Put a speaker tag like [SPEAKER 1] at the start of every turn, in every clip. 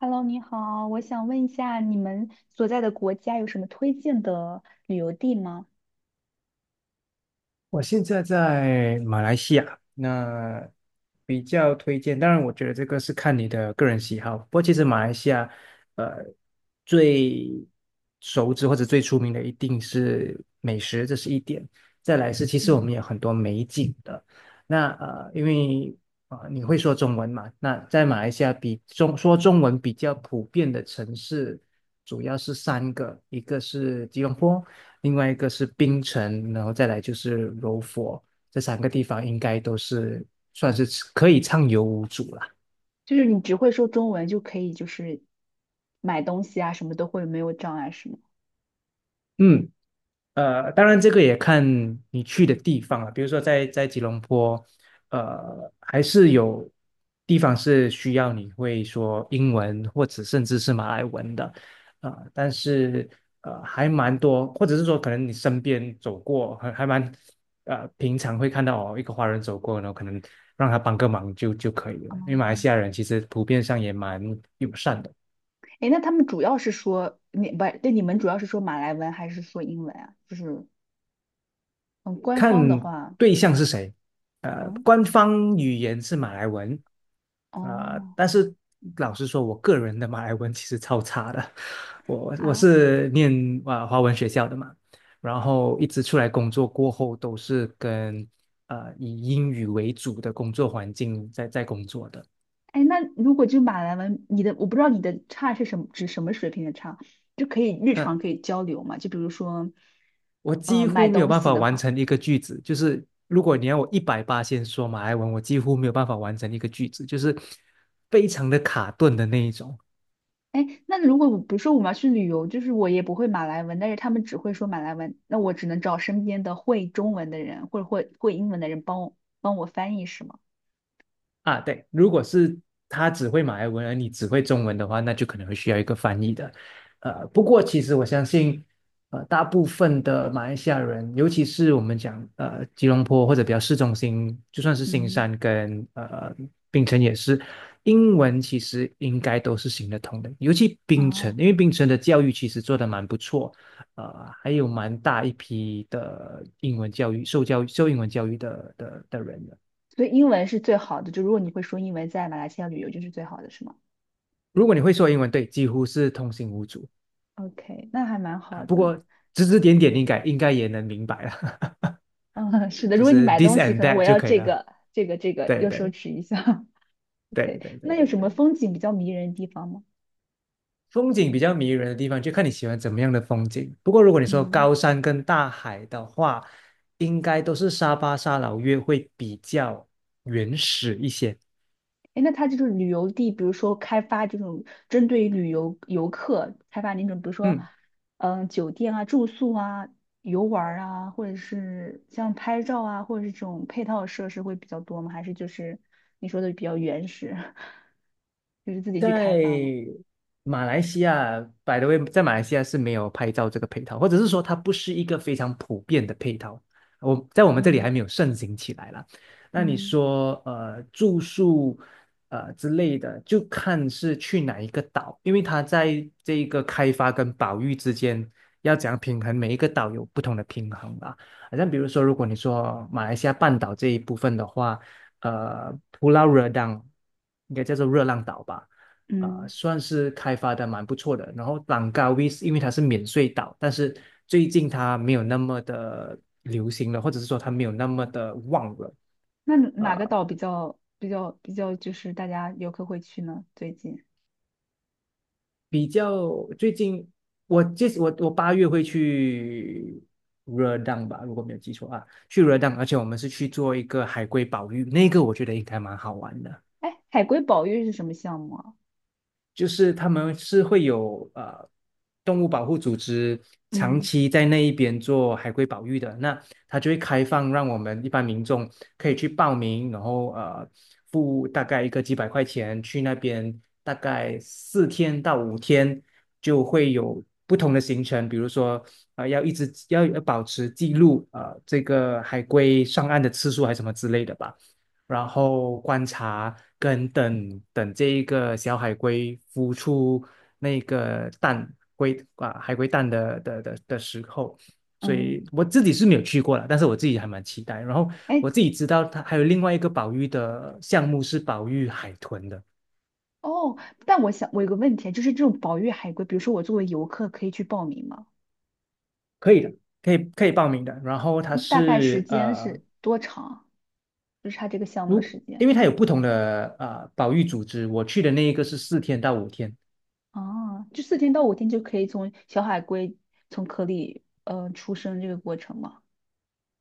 [SPEAKER 1] Hello，你好，我想问一下，你们所在的国家有什么推荐的旅游地吗？
[SPEAKER 2] 我现在在马来西亚，那比较推荐。当然，我觉得这个是看你的个人喜好。不过，其实马来西亚，呃，最熟知或者最出名的一定是美食，这是一点。再来是，其实我
[SPEAKER 1] 嗯，
[SPEAKER 2] 们有很多美景的。那因为你会说中文嘛？那在马来西亚说中文比较普遍的城市，主要是三个，一个是吉隆坡。另外一个是槟城，然后再来就是柔佛，这三个地方应该都是算是可以畅游无阻啦。
[SPEAKER 1] 就是你只会说中文就可以，就是买东西啊，什么都会没有障碍，是吗？
[SPEAKER 2] 嗯。当然这个也看你去的地方了。比如说在吉隆坡，还是有地方是需要你会说英文或者甚至是马来文的，但是还蛮多，或者是说可能你身边走过，还蛮平常会看到哦，一个华人走过，然后可能让他帮个忙就可以了。因为马来
[SPEAKER 1] 哦，
[SPEAKER 2] 西亚人其实普遍上也蛮友善的。
[SPEAKER 1] 诶，那他们主要是说你不，对，你们主要是说马来文还是说英文啊？就是嗯，官
[SPEAKER 2] 看
[SPEAKER 1] 方的话，
[SPEAKER 2] 对象是谁。
[SPEAKER 1] 嗯，
[SPEAKER 2] 官方语言是马来文，
[SPEAKER 1] 哦
[SPEAKER 2] 但是老实说，我个人的马来文其实超差的。我
[SPEAKER 1] 啊，
[SPEAKER 2] 是念华文学校的嘛，然后一直出来工作过后都是跟以英语为主的工作环境在工作的。
[SPEAKER 1] 哎，那如果就马来文，我不知道你的差是什么，指什么水平的差，就可以日常
[SPEAKER 2] 嗯、
[SPEAKER 1] 可以交流嘛？就比如说，
[SPEAKER 2] 我几
[SPEAKER 1] 买
[SPEAKER 2] 乎没有
[SPEAKER 1] 东
[SPEAKER 2] 办
[SPEAKER 1] 西
[SPEAKER 2] 法
[SPEAKER 1] 的
[SPEAKER 2] 完
[SPEAKER 1] 话，
[SPEAKER 2] 成一个句子，就是如果你要我一百八先说马来文，我几乎没有办法完成一个句子，就是非常的卡顿的那一种。
[SPEAKER 1] 哎，那如果我比如说我们要去旅游，就是我也不会马来文，但是他们只会说马来文，那我只能找身边的会中文的人或者会英文的人帮我翻译，是吗？
[SPEAKER 2] 啊，对，如果是他只会马来文，而你只会中文的话，那就可能会需要一个翻译的。不过其实我相信，大部分的马来西亚人，尤其是我们讲吉隆坡或者比较市中心，就算是新
[SPEAKER 1] 嗯，
[SPEAKER 2] 山跟槟城也是，英文其实应该都是行得通的。尤其槟城，
[SPEAKER 1] 哦，
[SPEAKER 2] 因为槟城的教育其实做得蛮不错，还有蛮大一批的英文教育受教育受英文教育的人的。
[SPEAKER 1] 所以英文是最好的，就如果你会说英文，在马来西亚旅游就是最好的，是吗
[SPEAKER 2] 如果你会说英文，对，几乎是通行无阻
[SPEAKER 1] ？OK，那还蛮
[SPEAKER 2] 啊。
[SPEAKER 1] 好
[SPEAKER 2] 不
[SPEAKER 1] 的。
[SPEAKER 2] 过指指点点应该也能明白了，
[SPEAKER 1] 嗯，是 的，
[SPEAKER 2] 就
[SPEAKER 1] 如果你
[SPEAKER 2] 是
[SPEAKER 1] 买
[SPEAKER 2] this
[SPEAKER 1] 东西，
[SPEAKER 2] and
[SPEAKER 1] 可能
[SPEAKER 2] that
[SPEAKER 1] 我
[SPEAKER 2] 就
[SPEAKER 1] 要
[SPEAKER 2] 可以
[SPEAKER 1] 这
[SPEAKER 2] 了。
[SPEAKER 1] 个、这个、这个，
[SPEAKER 2] 对
[SPEAKER 1] 又奢
[SPEAKER 2] 对
[SPEAKER 1] 侈一下。
[SPEAKER 2] 对
[SPEAKER 1] OK，
[SPEAKER 2] 对对
[SPEAKER 1] 那有
[SPEAKER 2] 对
[SPEAKER 1] 什么
[SPEAKER 2] 对，
[SPEAKER 1] 风景比较迷人的地方吗？
[SPEAKER 2] 风景比较迷人的地方，就看你喜欢怎么样的风景。不过如果你说
[SPEAKER 1] 嗯，
[SPEAKER 2] 高山跟大海的话，应该都是沙巴、沙劳越会比较原始一些。
[SPEAKER 1] 哎，那它这种旅游地，比如说开发这种针对于旅游游客开发那种，比如说，
[SPEAKER 2] 嗯。
[SPEAKER 1] 嗯，酒店啊、住宿啊、游玩儿啊，或者是像拍照啊，或者是这种配套设施会比较多吗？还是就是你说的比较原始，就是自己去开发吗？
[SPEAKER 2] 在马来西亚在马来西亚是没有拍照这个配套，或者是说它不是一个非常普遍的配套。我们这里还
[SPEAKER 1] 嗯
[SPEAKER 2] 没有盛行起来啦。那你
[SPEAKER 1] 嗯
[SPEAKER 2] 说，住宿，之类的，就看是去哪一个岛，因为它在这一个开发跟保育之间要怎样平衡，每一个岛有不同的平衡吧。好像比如说，如果你说马来西亚半岛这一部分的话，Pulau Redang 应该叫做热浪岛吧。
[SPEAKER 1] 嗯。
[SPEAKER 2] 算是开发的蛮不错的。然后朗高 w i s 因为它是免税岛，但是最近它没有那么的流行了，或者是说它没有那么的旺了。
[SPEAKER 1] 那哪个岛比较就是大家游客会去呢？最近，
[SPEAKER 2] 比较最近，我这我我8月会去热浪吧，如果没有记错啊，去热浪，而且我们是去做一个海龟保育，那个我觉得应该蛮好玩的。
[SPEAKER 1] 哎，海龟保育是什么项目啊？
[SPEAKER 2] 就是他们是会有动物保护组织长
[SPEAKER 1] 嗯
[SPEAKER 2] 期在那一边做海龟保育的，那他就会开放让我们一般民众可以去报名，然后付大概一个几百块钱去那边，大概四天到五天就会有不同的行程，比如说要一直要保持记录这个海龟上岸的次数还是什么之类的吧。然后观察跟等等这一个小海龟孵出那个蛋龟啊海龟蛋的时候，所
[SPEAKER 1] 嗯，
[SPEAKER 2] 以我自己是没有去过了，但是我自己还蛮期待。然后
[SPEAKER 1] 哎
[SPEAKER 2] 我自己知道它还有另外一个保育的项目是保育海豚的，
[SPEAKER 1] 哦，但我想我有个问题，就是这种保育海龟，比如说我作为游客可以去报名吗？
[SPEAKER 2] 可以的，可以报名的。然后它
[SPEAKER 1] 嗯大概时
[SPEAKER 2] 是
[SPEAKER 1] 间是多长？就是它这个项目的时间
[SPEAKER 2] 因为它有不同的保育组织，我去的那一个是四天到五天。
[SPEAKER 1] 啊，就4天到5天就可以从小海龟从壳里出生这个过程吗？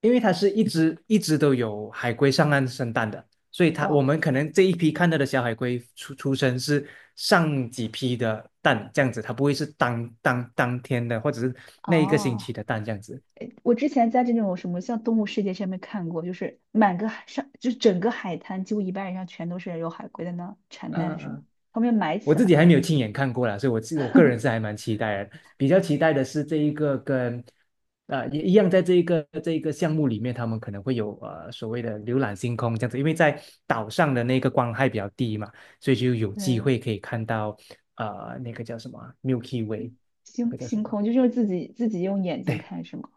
[SPEAKER 2] 因为它是一直一直都有海龟上岸生蛋的，所以我
[SPEAKER 1] 哇
[SPEAKER 2] 们可能这一批看到的小海龟出生是上几批的蛋这样子，它不会是当天的或者是那一个星
[SPEAKER 1] 啊！
[SPEAKER 2] 期的蛋这样子。
[SPEAKER 1] 我之前在这种什么像《动物世界》上面看过，就是满个海上，就是整个海滩几乎一半以上全都是有海龟在那产
[SPEAKER 2] 嗯
[SPEAKER 1] 蛋什么，
[SPEAKER 2] 嗯
[SPEAKER 1] 他们要埋起来。
[SPEAKER 2] 己还没有亲眼看过啦，所以我自我个人是 还蛮期待的。比较期待的是这一个跟，也一样，在这一个项目里面，他们可能会有所谓的浏览星空这样子，因为在岛上的那个光害比较低嘛，所以就有机
[SPEAKER 1] 对，
[SPEAKER 2] 会可以看到那个叫什么啊 Milky Way，那
[SPEAKER 1] 星
[SPEAKER 2] 个叫什
[SPEAKER 1] 星
[SPEAKER 2] 么？
[SPEAKER 1] 空就是自己用眼睛
[SPEAKER 2] 对
[SPEAKER 1] 看是吗？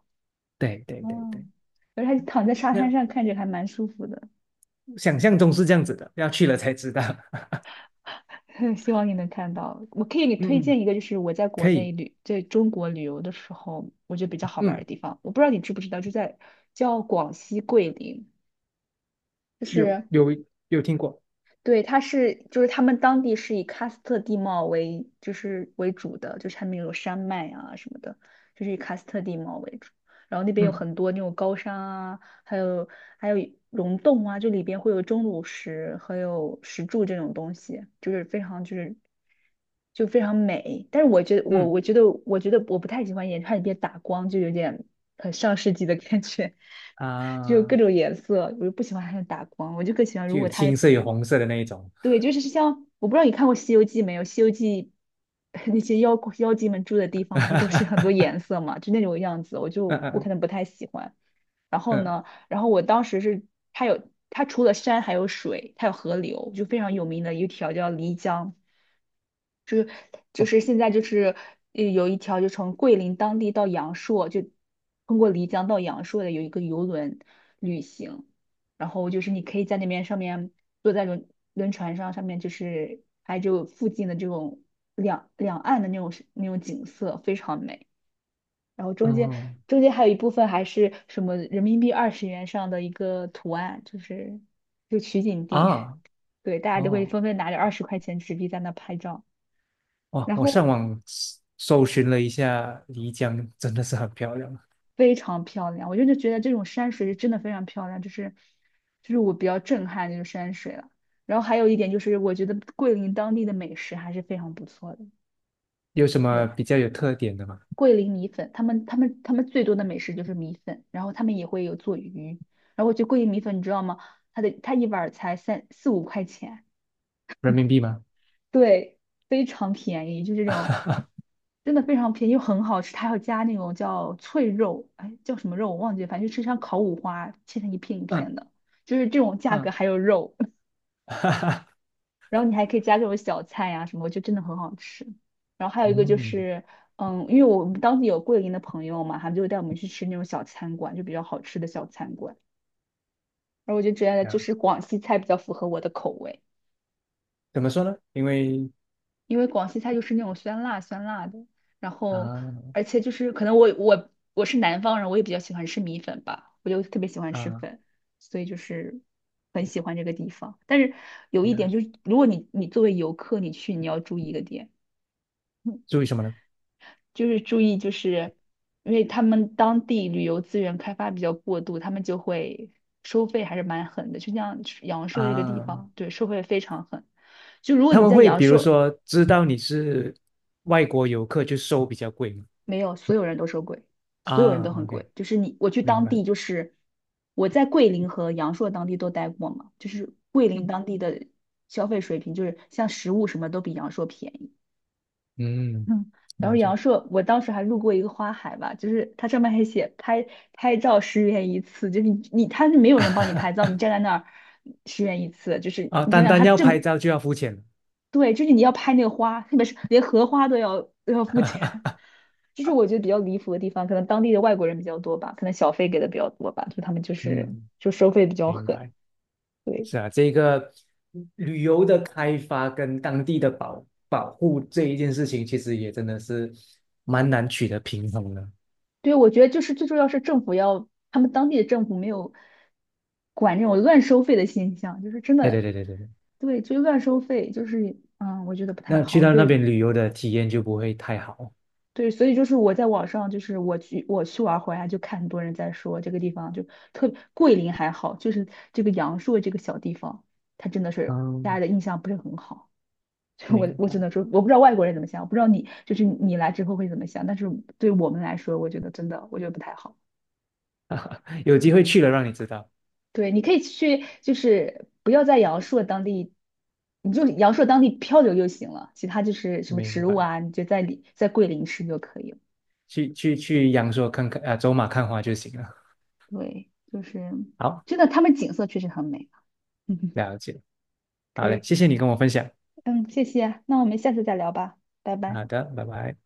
[SPEAKER 2] 对对对
[SPEAKER 1] 哦，
[SPEAKER 2] 对，
[SPEAKER 1] 而且躺在沙滩
[SPEAKER 2] 那
[SPEAKER 1] 上看着还蛮舒服的，
[SPEAKER 2] 想象中是这样子的，要去了才知道。
[SPEAKER 1] 希望你能看到。我可以给你推
[SPEAKER 2] 嗯嗯，
[SPEAKER 1] 荐一个，就是我在国
[SPEAKER 2] 可以，
[SPEAKER 1] 内旅，在中国旅游的时候，我觉得比较好玩儿的
[SPEAKER 2] 嗯，
[SPEAKER 1] 地方。我不知道你知不知道，就在叫广西桂林，就
[SPEAKER 2] 有
[SPEAKER 1] 是
[SPEAKER 2] 有有听过，
[SPEAKER 1] 对，它是就是他们当地是以喀斯特地貌为就是为主的，就是他们有山脉啊什么的，就是以喀斯特地貌为主。然后那边有
[SPEAKER 2] 嗯
[SPEAKER 1] 很多那种高山啊，还有还有溶洞啊，就里边会有钟乳石，还有石柱这种东西，就是非常就是就非常美。但是我觉得我
[SPEAKER 2] 嗯
[SPEAKER 1] 我觉得我觉得我不太喜欢眼它里边打光，就有点很上世纪的感觉。就各
[SPEAKER 2] 啊。
[SPEAKER 1] 种颜色，我就不喜欢它的打光，我就更喜欢如
[SPEAKER 2] 就有
[SPEAKER 1] 果它
[SPEAKER 2] 青色有红色的那一种。
[SPEAKER 1] 对，就是像我不知道你看过《西游记》没有，《西游记》那些妖怪妖精们住的地方，不是都是很多 颜色嘛，就那种样子，我
[SPEAKER 2] 嗯
[SPEAKER 1] 就我可
[SPEAKER 2] 嗯
[SPEAKER 1] 能不太喜欢。然后
[SPEAKER 2] 嗯嗯，
[SPEAKER 1] 呢，然后我当时是它除了山还有水，它有河流，就非常有名的一条叫漓江。就
[SPEAKER 2] 哦，
[SPEAKER 1] 是现在就是有一条就从桂林当地到阳朔，就通过漓江到阳朔的有一个游轮旅行，然后就是你可以在那边上面坐在轮船上，上面就是拍就附近的这种两岸的那种景色，非常美。然后中间
[SPEAKER 2] 嗯
[SPEAKER 1] 还有一部分还是什么人民币20元上的一个图案，就是就取景地，
[SPEAKER 2] 啊，
[SPEAKER 1] 对，大家就会
[SPEAKER 2] 哦，
[SPEAKER 1] 纷纷拿着20块钱纸币在那拍照。
[SPEAKER 2] 哇！
[SPEAKER 1] 然
[SPEAKER 2] 我上
[SPEAKER 1] 后
[SPEAKER 2] 网搜寻了一下，漓江真的是很漂亮。
[SPEAKER 1] 非常漂亮。我真的觉得这种山水是真的非常漂亮，就是就是我比较震撼这种山水了。然后还有一点就是，我觉得桂林当地的美食还是非常不错的。
[SPEAKER 2] 有什么
[SPEAKER 1] 对，
[SPEAKER 2] 比较有特点的吗？
[SPEAKER 1] 桂林米粉，他们最多的美食就是米粉，然后他们也会有做鱼。然后我觉得桂林米粉，你知道吗？它一碗儿才3、4、5块钱，
[SPEAKER 2] 人民币吗？
[SPEAKER 1] 对，非常便宜，就这种，真的非常便宜又很好吃。它还要加那种叫脆肉，哎，叫什么肉我忘记了，反正就吃像烤五花，切成一片一
[SPEAKER 2] 嗯
[SPEAKER 1] 片的，就是这种价格
[SPEAKER 2] 嗯，
[SPEAKER 1] 还有肉，然后你还可以加这种小菜呀、什么，就真的很好吃。然后还有一个就
[SPEAKER 2] 嗯，
[SPEAKER 1] 是，嗯，因为我们当地有桂林的朋友嘛，他们就会带我们去吃那种小餐馆，就比较好吃的小餐馆。然后我就觉得就
[SPEAKER 2] 呀，
[SPEAKER 1] 是广西菜比较符合我的口味。
[SPEAKER 2] 怎么说呢？因为
[SPEAKER 1] 因为广西菜就是那种酸辣酸辣的，然后
[SPEAKER 2] 啊
[SPEAKER 1] 而且就是可能我是南方人，我也比较喜欢吃米粉吧，我就特别喜欢吃
[SPEAKER 2] 啊
[SPEAKER 1] 粉，所以就是很喜欢这个地方。但是有一
[SPEAKER 2] 呀，
[SPEAKER 1] 点就是，如果你作为游客你去，你要注意一个点，嗯
[SPEAKER 2] 注意什么呢？
[SPEAKER 1] 就是注意就是因为他们当地旅游资源开发比较过度，他们就会收费还是蛮狠的，就像阳朔这个地
[SPEAKER 2] 啊，
[SPEAKER 1] 方，对，收费非常狠。就如果
[SPEAKER 2] 他
[SPEAKER 1] 你
[SPEAKER 2] 们
[SPEAKER 1] 在
[SPEAKER 2] 会
[SPEAKER 1] 阳
[SPEAKER 2] 比如
[SPEAKER 1] 朔，
[SPEAKER 2] 说知道你是外国游客，就收比较贵吗？
[SPEAKER 1] 没有，所有人都说贵，所有人都
[SPEAKER 2] 啊
[SPEAKER 1] 很
[SPEAKER 2] ，OK，
[SPEAKER 1] 贵。就是你，我去
[SPEAKER 2] 明
[SPEAKER 1] 当
[SPEAKER 2] 白。
[SPEAKER 1] 地，就是我在桂林和阳朔当地都待过嘛，就是桂林
[SPEAKER 2] 嗯。
[SPEAKER 1] 当地的消费水平，就是像食物什么都比阳朔便宜。
[SPEAKER 2] 嗯，
[SPEAKER 1] 嗯，然
[SPEAKER 2] 了
[SPEAKER 1] 后阳
[SPEAKER 2] 解。
[SPEAKER 1] 朔，我当时还路过一个花海吧，就是它上面还写拍照十元一次，就是你他是没有人帮你拍照，你站在那儿十元一次，就是
[SPEAKER 2] 啊，
[SPEAKER 1] 你想
[SPEAKER 2] 单
[SPEAKER 1] 想
[SPEAKER 2] 单
[SPEAKER 1] 它
[SPEAKER 2] 要
[SPEAKER 1] 这么
[SPEAKER 2] 拍照就要付钱。
[SPEAKER 1] 对，就是你要拍那个花，特别是连荷花都要付钱，就是我觉得比较离谱的地方。可能当地的外国人比较多吧，可能小费给的比较多吧，就他们就是
[SPEAKER 2] 嗯，
[SPEAKER 1] 就收费比较
[SPEAKER 2] 明
[SPEAKER 1] 狠。
[SPEAKER 2] 白。
[SPEAKER 1] 对，
[SPEAKER 2] 是啊，这个旅游的开发跟当地的保护这一件事情，其实也真的是蛮难取得平衡的。
[SPEAKER 1] 对，我觉得就是最重要是政府要，他们当地的政府没有管这种乱收费的现象，就是真
[SPEAKER 2] 对对
[SPEAKER 1] 的，
[SPEAKER 2] 对对对对，
[SPEAKER 1] 对，就是乱收费，就是嗯，我觉得不太
[SPEAKER 2] 那去
[SPEAKER 1] 好。
[SPEAKER 2] 到那
[SPEAKER 1] 对，
[SPEAKER 2] 边旅游的体验就不会太好。
[SPEAKER 1] 对，所以就是我在网上，就是我去玩回来，就看很多人在说这个地方就特别桂林还好，就是这个阳朔这个小地方，它真的是大家
[SPEAKER 2] 嗯，
[SPEAKER 1] 的印象不是很好。就我
[SPEAKER 2] 明
[SPEAKER 1] 我只
[SPEAKER 2] 白。
[SPEAKER 1] 能说，我不知道外国人怎么想，我不知道你就是你来之后会怎么想，但是对我们来说，我觉得真的我觉得不太好。
[SPEAKER 2] 有机会去了让你知道。
[SPEAKER 1] 对，你可以去，就是不要在阳朔当地，你就阳朔当地漂流就行了，其他就是什么
[SPEAKER 2] 明
[SPEAKER 1] 植物
[SPEAKER 2] 白。
[SPEAKER 1] 啊，你就在里在桂林吃就可以了。
[SPEAKER 2] 去阳朔看看啊，走马看花就行了。
[SPEAKER 1] 对，就是
[SPEAKER 2] 好，
[SPEAKER 1] 真的，他们景色确实很美。嗯，
[SPEAKER 2] 了解。
[SPEAKER 1] 可
[SPEAKER 2] 好嘞，
[SPEAKER 1] 以，
[SPEAKER 2] 谢谢你跟我分享。
[SPEAKER 1] 嗯，谢谢啊，那我们下次再聊吧，拜拜。
[SPEAKER 2] 好的，拜拜。